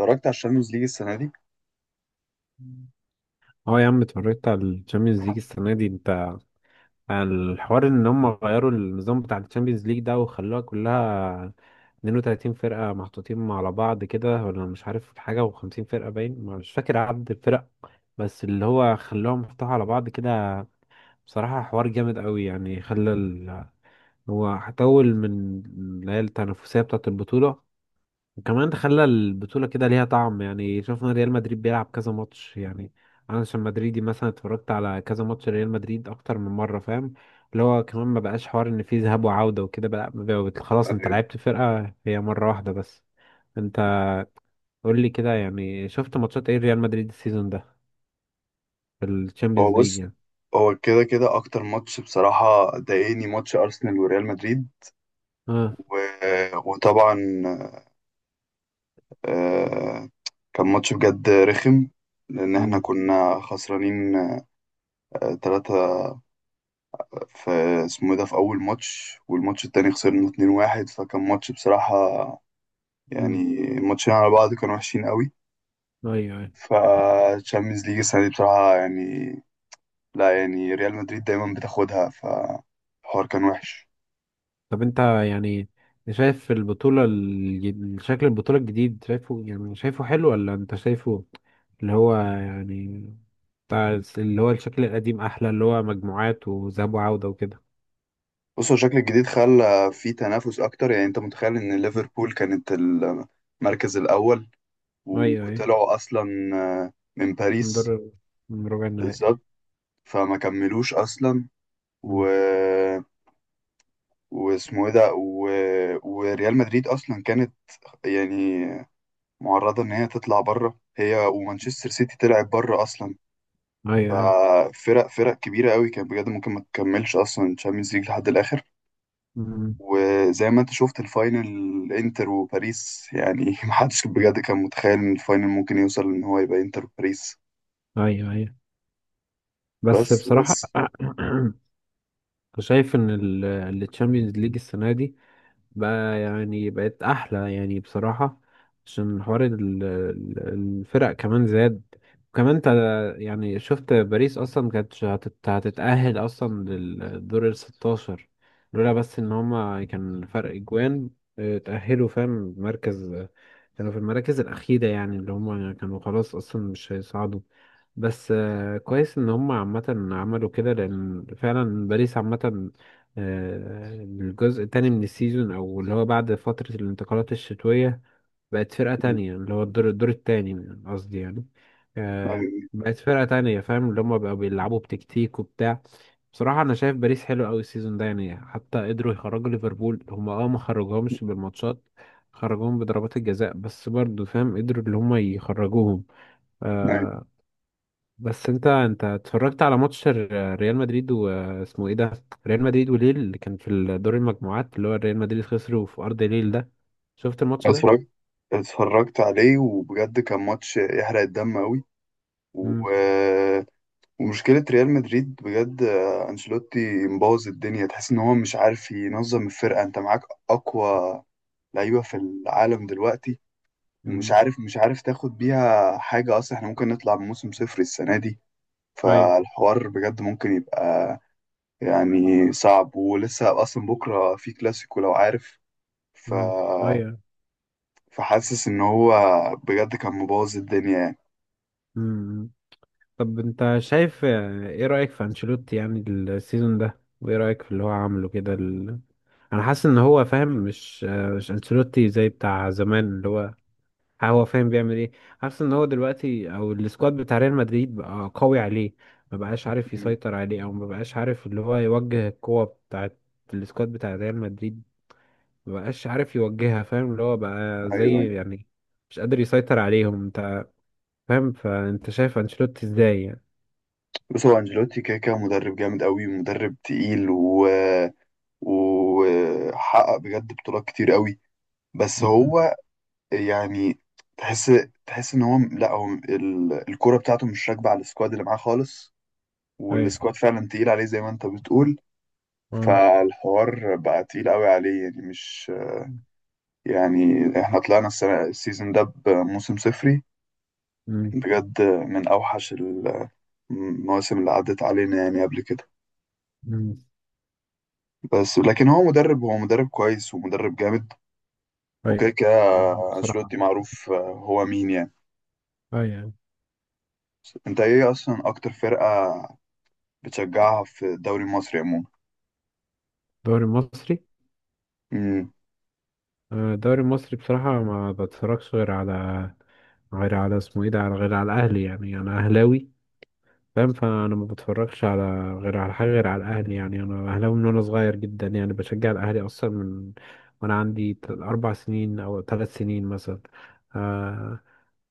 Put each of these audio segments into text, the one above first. اتفرجت على الشامبيونز ليج السنة دي. اه يا عم اتفرجت على الشامبيونز ليج السنه دي انت. الحوار ان هم غيروا النظام بتاع الشامبيونز ليج ده وخلوها كلها 32 فرقه محطوطين على بعض كده، ولا مش عارف حاجه، و50 فرقه باين، مش فاكر عدد الفرق، بس اللي هو خلاهم محطوطة على بعض كده. بصراحه حوار جامد قوي، هو هتطول من اللي هي التنافسيه بتاعه البطوله. وكمان خلى البطولة كده ليها طعم، يعني شفنا ريال مدريد بيلعب كذا ماتش يعني. أنا عشان مدريدي مثلا اتفرجت على كذا ماتش ريال مدريد أكتر من مرة، فاهم؟ اللي هو كمان ما بقاش حوار إن فيه ذهاب وعودة وكده بقى. خلاص أنت آه. لعبت فرقة هي مرة واحدة بس. أنت قول لي كده، يعني شفت ماتشات إيه ريال مدريد السيزون ده في الشامبيونز هو ليج بص، يعني. هو كده كده أكتر ماتش بصراحة ضايقني، ماتش أرسنال وريال مدريد. اه. و... وطبعا، آه، كان ماتش بجد رخم، لأن احنا امم كنا خسرانين تلاتة في اسمه إيه ده، في أول ماتش. والماتش التاني خسرنا اتنين واحد. فكان ماتش بصراحة، يعني امم الماتشين على بعض كانوا وحشين قوي. ايوه، أيوه. فالشامبيونز ليج السنة دي بصراحة، يعني، لا، يعني ريال مدريد دايما بتاخدها، فالحوار كان وحش. طب انت، يعني شايف البطولة شكل البطولة الجديد، شايفه يعني شايفه حلو، ولا انت شايفه اللي هو يعني اللي هو الشكل القديم احلى، اللي هو مجموعات وذهاب وعودة وكده؟ بص، هو الشكل الجديد خلى في تنافس اكتر. يعني انت متخيل ان ليفربول كانت المركز الاول، ايوه ايوه. وطلعوا اصلا من باريس. نضر من ربع النهائي. بالظبط، فما كملوش اصلا. و... مم. واسمه ايه ده. وريال مدريد اصلا كانت، يعني، معرضة ان هي تطلع بره، هي ومانشستر سيتي طلعت بره اصلا. ايوه ايوه. ففرق كبيرة قوي، كانت بجد ممكن ما تكملش اصلا تشامبيونز ليج لحد الاخر. مم. وزي ما انت شفت الفاينل، انتر وباريس يعني محدش بجد كان متخيل ان الفاينل ممكن يوصل ان هو يبقى انتر وباريس. ايوه ايوه. بس بس بصراحة بس، شايف ان التشامبيونز ليج السنة دي بقى يعني بقت احلى يعني بصراحة، عشان حوار الفرق كمان زاد. وكمان انت يعني شفت باريس اصلا كانت هتتأهل اصلا للدور ال 16، لولا بس ان هما كان فرق اجوان اه، تأهلوا، فاهم؟ مركز، كانوا في المراكز الأخيرة يعني، اللي هما كانوا خلاص أصلا مش هيصعدوا. بس كويس إن هما عامة عملوا كده، لأن فعلا باريس عامة الجزء التاني من السيزون، او اللي هو بعد فترة الانتقالات الشتوية بقت فرقة م- تانية. اللي هو الدور التاني قصدي يعني، بقت فرقة تانية، فاهم؟ اللي هما بقوا بيلعبوا بتكتيك وبتاع. بصراحة أنا شايف باريس حلو أوي السيزون ده، يعني حتى قدروا يخرجوا ليفربول هما. اه، ما خرجوهمش بالماتشات، خرجوهم بضربات الجزاء، بس برضه فاهم قدروا اللي هما يخرجوهم. م- آه، بس انت اتفرجت على ماتش ريال مدريد واسمه ايه ده، ريال مدريد وليل اللي كان في دور المجموعات، اللي هو ريال مدريد خسروا في ارض ليل ده، شفت الماتش ده؟ اتفرجت اتفرجت عليه، وبجد كان ماتش يحرق الدم قوي. و... امم ومشكلة ريال مدريد بجد، انشيلوتي مبوظ الدنيا. تحس ان هو مش عارف ينظم الفرقة، انت معاك اقوى لعيبة في العالم دلوقتي، ومش امم عارف مش عارف تاخد بيها حاجة. اصلا احنا ممكن نطلع بموسم صفر السنة دي. ايوه. فالحوار بجد ممكن يبقى، يعني صعب. ولسه اصلا بكره في كلاسيكو لو عارف. ف امم ايوه. فحاسس ان هو بجد كان مبوظ الدنيا يعني. امم طب انت شايف ايه رأيك في انشيلوتي يعني السيزون ده، وايه رأيك في اللي هو عامله كده انا حاسس ان هو فاهم مش انشيلوتي زي بتاع زمان. اللي هو هو فاهم بيعمل ايه، حاسس ان هو دلوقتي او السكواد بتاع ريال مدريد بقى قوي عليه، ما بقاش عارف مم. يسيطر عليه، او ما بقاش عارف اللي هو يوجه القوة بتاعت السكواد بتاع ريال مدريد، ما بقاش عارف يوجهها، فاهم؟ اللي هو بقى ايوه. أيوة. زي يعني مش قادر يسيطر عليهم. انت فاهم، فانت شايف انشيلوتي ازاي يعني؟ بص، هو انجيلوتي كده كده مدرب جامد قوي، ومدرب تقيل، وحقق بجد بطولات كتير قوي. بس مم. هو، يعني، تحس تحس ان هو، لا، هو الكوره بتاعته مش راكبه على السكواد اللي معاه خالص، ايوه. والسكواد فعلا تقيل عليه زي ما انت بتقول. اه فالحوار بقى تقيل قوي عليه، يعني مش، يعني احنا طلعنا السنة السيزون ده بموسم صفري، مم. بجد من أوحش المواسم اللي عدت علينا يعني قبل كده. مم. بس لكن هو مدرب كويس، ومدرب جامد. ايوه. وكده كده بصراحة، أنشيلوتي معروف هو مين يعني. ايوه. انت ايه اصلا اكتر فرقة بتشجعها في الدوري المصري عموما؟ الدوري المصري؟ امم. الدوري المصري بصراحة ما بتفرجش غير على، غير على اسمه ايه ده، على غير على الأهلي، يعني أنا أهلاوي فاهم. فأنا ما بتفرجش على غير على حاجة غير على الأهلي، يعني أنا أهلاوي من وأنا صغير جدا يعني. بشجع الأهلي أصلا من وأنا عندي 4 سنين أو 3 سنين مثلا. آه.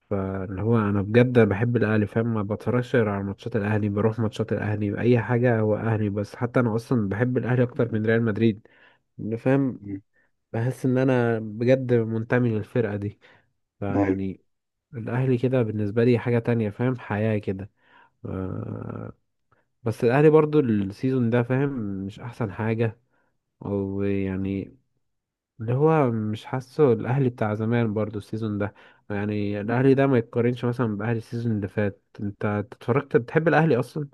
فاللي هو أنا بجد بحب الأهلي فاهم، ما بتفرجش غير على ماتشات الأهلي، بروح ماتشات الأهلي، أي حاجة هو أهلي. بس حتى أنا أصلا بحب الأهلي أكتر من ريال مدريد، إن فاهم. أمم. بحس ان انا بجد منتمي للفرقة دي، أيوة. فيعني الاهلي كده بالنسبة لي حاجة تانية، فاهم، حياة كده. ف- بس الاهلي برضو السيزون ده فاهم مش احسن حاجة، او يعني اللي هو مش حاسه الاهلي بتاع زمان برضو السيزون ده. يعني الاهلي ده ما يتقارنش مثلا باهلي السيزون اللي فات. انت اتفرجت، بتحب الاهلي اصلا؟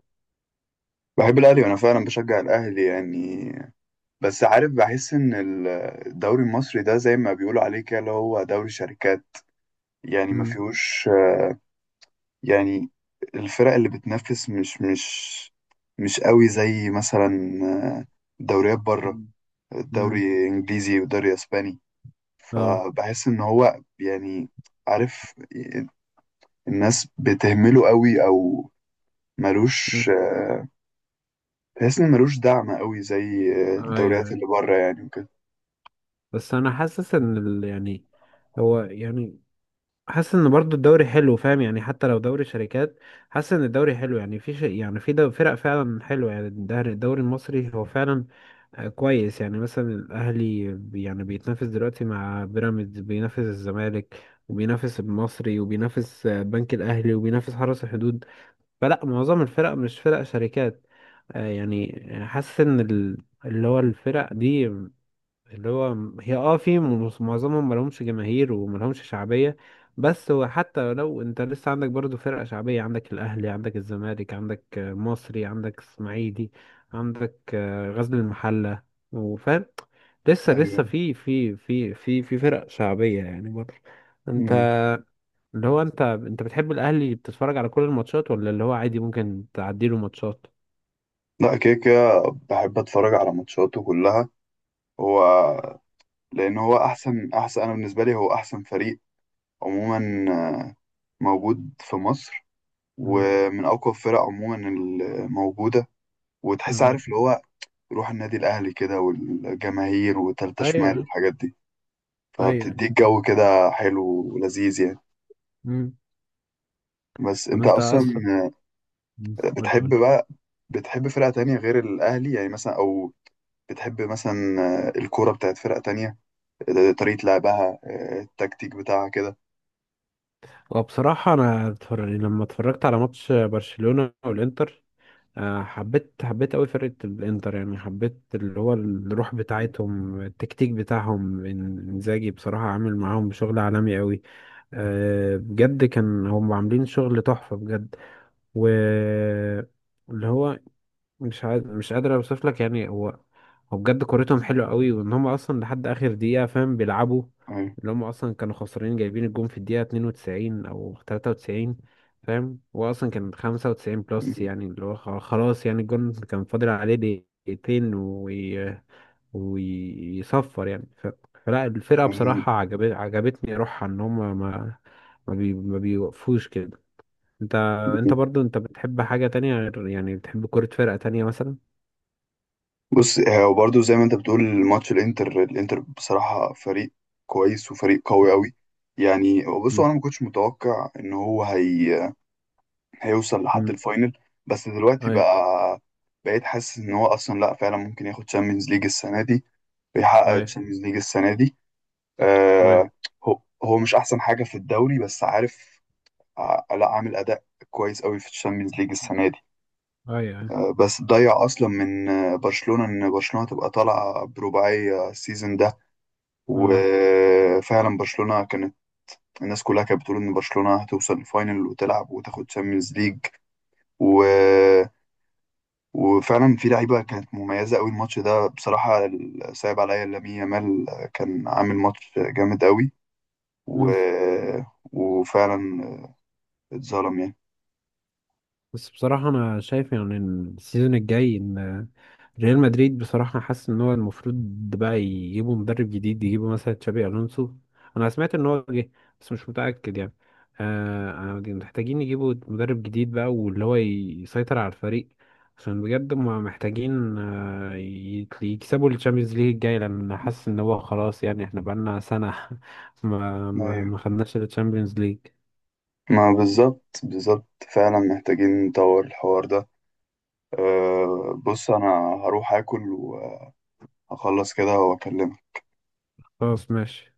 بحب الاهلي، وانا فعلا بشجع الاهلي يعني. بس عارف، بحس ان الدوري المصري ده زي ما بيقولوا عليه كده، اللي هو دوري شركات. يعني ما امم فيهوش، يعني الفرق اللي بتنافس مش قوي زي مثلا دوريات بره، امم الدوري انجليزي والدوري اسباني. اه. فبحس ان هو، يعني، عارف، الناس بتهمله قوي، او ملوش، امم بحس ان ملوش دعم قوي زي الدوريات ايوه. اللي بره يعني، وكده. بس انا حاسس ان يعني هو يعني، حاسس ان برضو الدوري حلو فاهم، يعني حتى لو دوري شركات، حاسس ان الدوري حلو. يعني في شيء يعني في دو فرق فعلا حلوه يعني. الدوري المصري هو فعلا كويس. يعني مثلا الاهلي يعني بيتنافس دلوقتي مع بيراميدز، بينافس الزمالك، وبينافس المصري، وبينافس بنك الاهلي، وبينافس حرس الحدود. فلا معظم الفرق مش فرق شركات. يعني حاسس ان اللي هو الفرق دي، اللي هو م- هي اه في م- معظمهم ملهمش جماهير وملهمش شعبية. بس هو حتى لو انت لسه عندك برضو فرقة شعبية، عندك الأهلي، عندك الزمالك، عندك مصري، عندك اسماعيلي، عندك غزل المحلة، وفاهم لسه ايوه. لسه في فرق شعبية يعني برضو. انت اللي هو انت بتحب الأهلي، بتتفرج على كل الماتشات، ولا اللي هو عادي ممكن تعديله ماتشات؟ لا، كده كده بحب اتفرج على ماتشاته كلها. هو، لان هو احسن، انا بالنسبه لي هو احسن فريق عموما، آه، موجود في مصر، مم. ومن اقوى الفرق عموما الموجوده. وتحس، اه عارف، اللي هو روح النادي الاهلي كده، والجماهير، وتالتة شمال، ايوه والحاجات دي، ايوه. فبتديك جو كده حلو ولذيذ يعني. مم. بس طب انت انت اصلا، اصلا، قول بتحب قول بقى، بتحب فرقه تانية غير الاهلي يعني، مثلا؟ او بتحب مثلا الكوره بتاعت فرقه تانية، طريقة لعبها، التكتيك بتاعها كده؟ وبصراحة أنا يعني لما اتفرجت على ماتش برشلونة والإنتر، حبيت أوي فرقة الإنتر. يعني حبيت اللي هو الروح بتاعتهم، التكتيك بتاعهم، إنزاجي بصراحة عامل معاهم شغل عالمي أوي. بجد كان هم عاملين شغل تحفة بجد. واللي هو مش قادر اوصف لك. يعني هو هو بجد كورتهم حلوه قوي، وان هم اصلا لحد اخر دقيقه فاهم بيلعبوا. أيوة. اللي هم اصلا كانوا خسرانين، جايبين الجون في الدقيقه 92 او 93 فاهم. هو اصلا كان 95 بلس مم. يعني، اللي هو خلاص يعني، الجون كان فاضل عليه دقيقتين ويصفر يعني. فلا الفرقه أيوة. بصراحه عجبتني روحها. ان هم ما بيوقفوش كده. انت انت مم. برضو انت بتحب حاجة تانية غير يعني، بتحب كرة فرقة تانية مثلا؟ بص، وبرضه زي ما انت بتقول ماتش الانتر، الانتر بصراحة فريق كويس، وفريق قوي قوي. يعني بصوا، مم. انا ما كنتش متوقع ان هو هيوصل لحد مم. الفاينل. بس دلوقتي اي بقى، بقيت حاسس ان هو اصلا، لا فعلا، ممكن ياخد تشامبيونز ليج السنة دي، بيحقق اي تشامبيونز ليج السنة دي. اي آه هو مش احسن حاجة في الدوري، بس عارف، لا، عامل اداء كويس قوي في الشامبيونز ليج السنه دي. اي اي بس ضيع اصلا من برشلونه، ان برشلونه تبقى طالعه برباعيه السيزون ده. اه. وفعلا برشلونه كانت، الناس كلها كانت بتقول ان برشلونه هتوصل الفاينل وتلعب وتاخد تشامبيونز ليج. و... وفعلا في لعيبه كانت مميزه قوي الماتش ده بصراحه، صعب عليا لامين يامال، كان عامل ماتش جامد قوي. و... مم. وفعلا اتظلم. بس بصراحة انا شايف يعني ان السيزون الجاي، ان ريال مدريد بصراحة حاسس إن هو المفروض بقى يجيبوا مدرب جديد، يجيبوا مثلا تشابي ألونسو. أنا سمعت إن هو جه بس مش متأكد يعني. آه. محتاجين يجيبوا مدرب جديد بقى، واللي هو يسيطر على الفريق، عشان بجد هما محتاجين يكسبوا الشامبيونز ليج الجاي. لأن حاسس إن هو خلاص يعني، إحنا بقالنا سنة ما ما يعني، ما خدناش الشامبيونز ليج. ما بالظبط بالظبط، فعلا محتاجين نطور الحوار ده. أه، بص، انا هروح اكل وهخلص كده واكلمك. خلاص ماشي.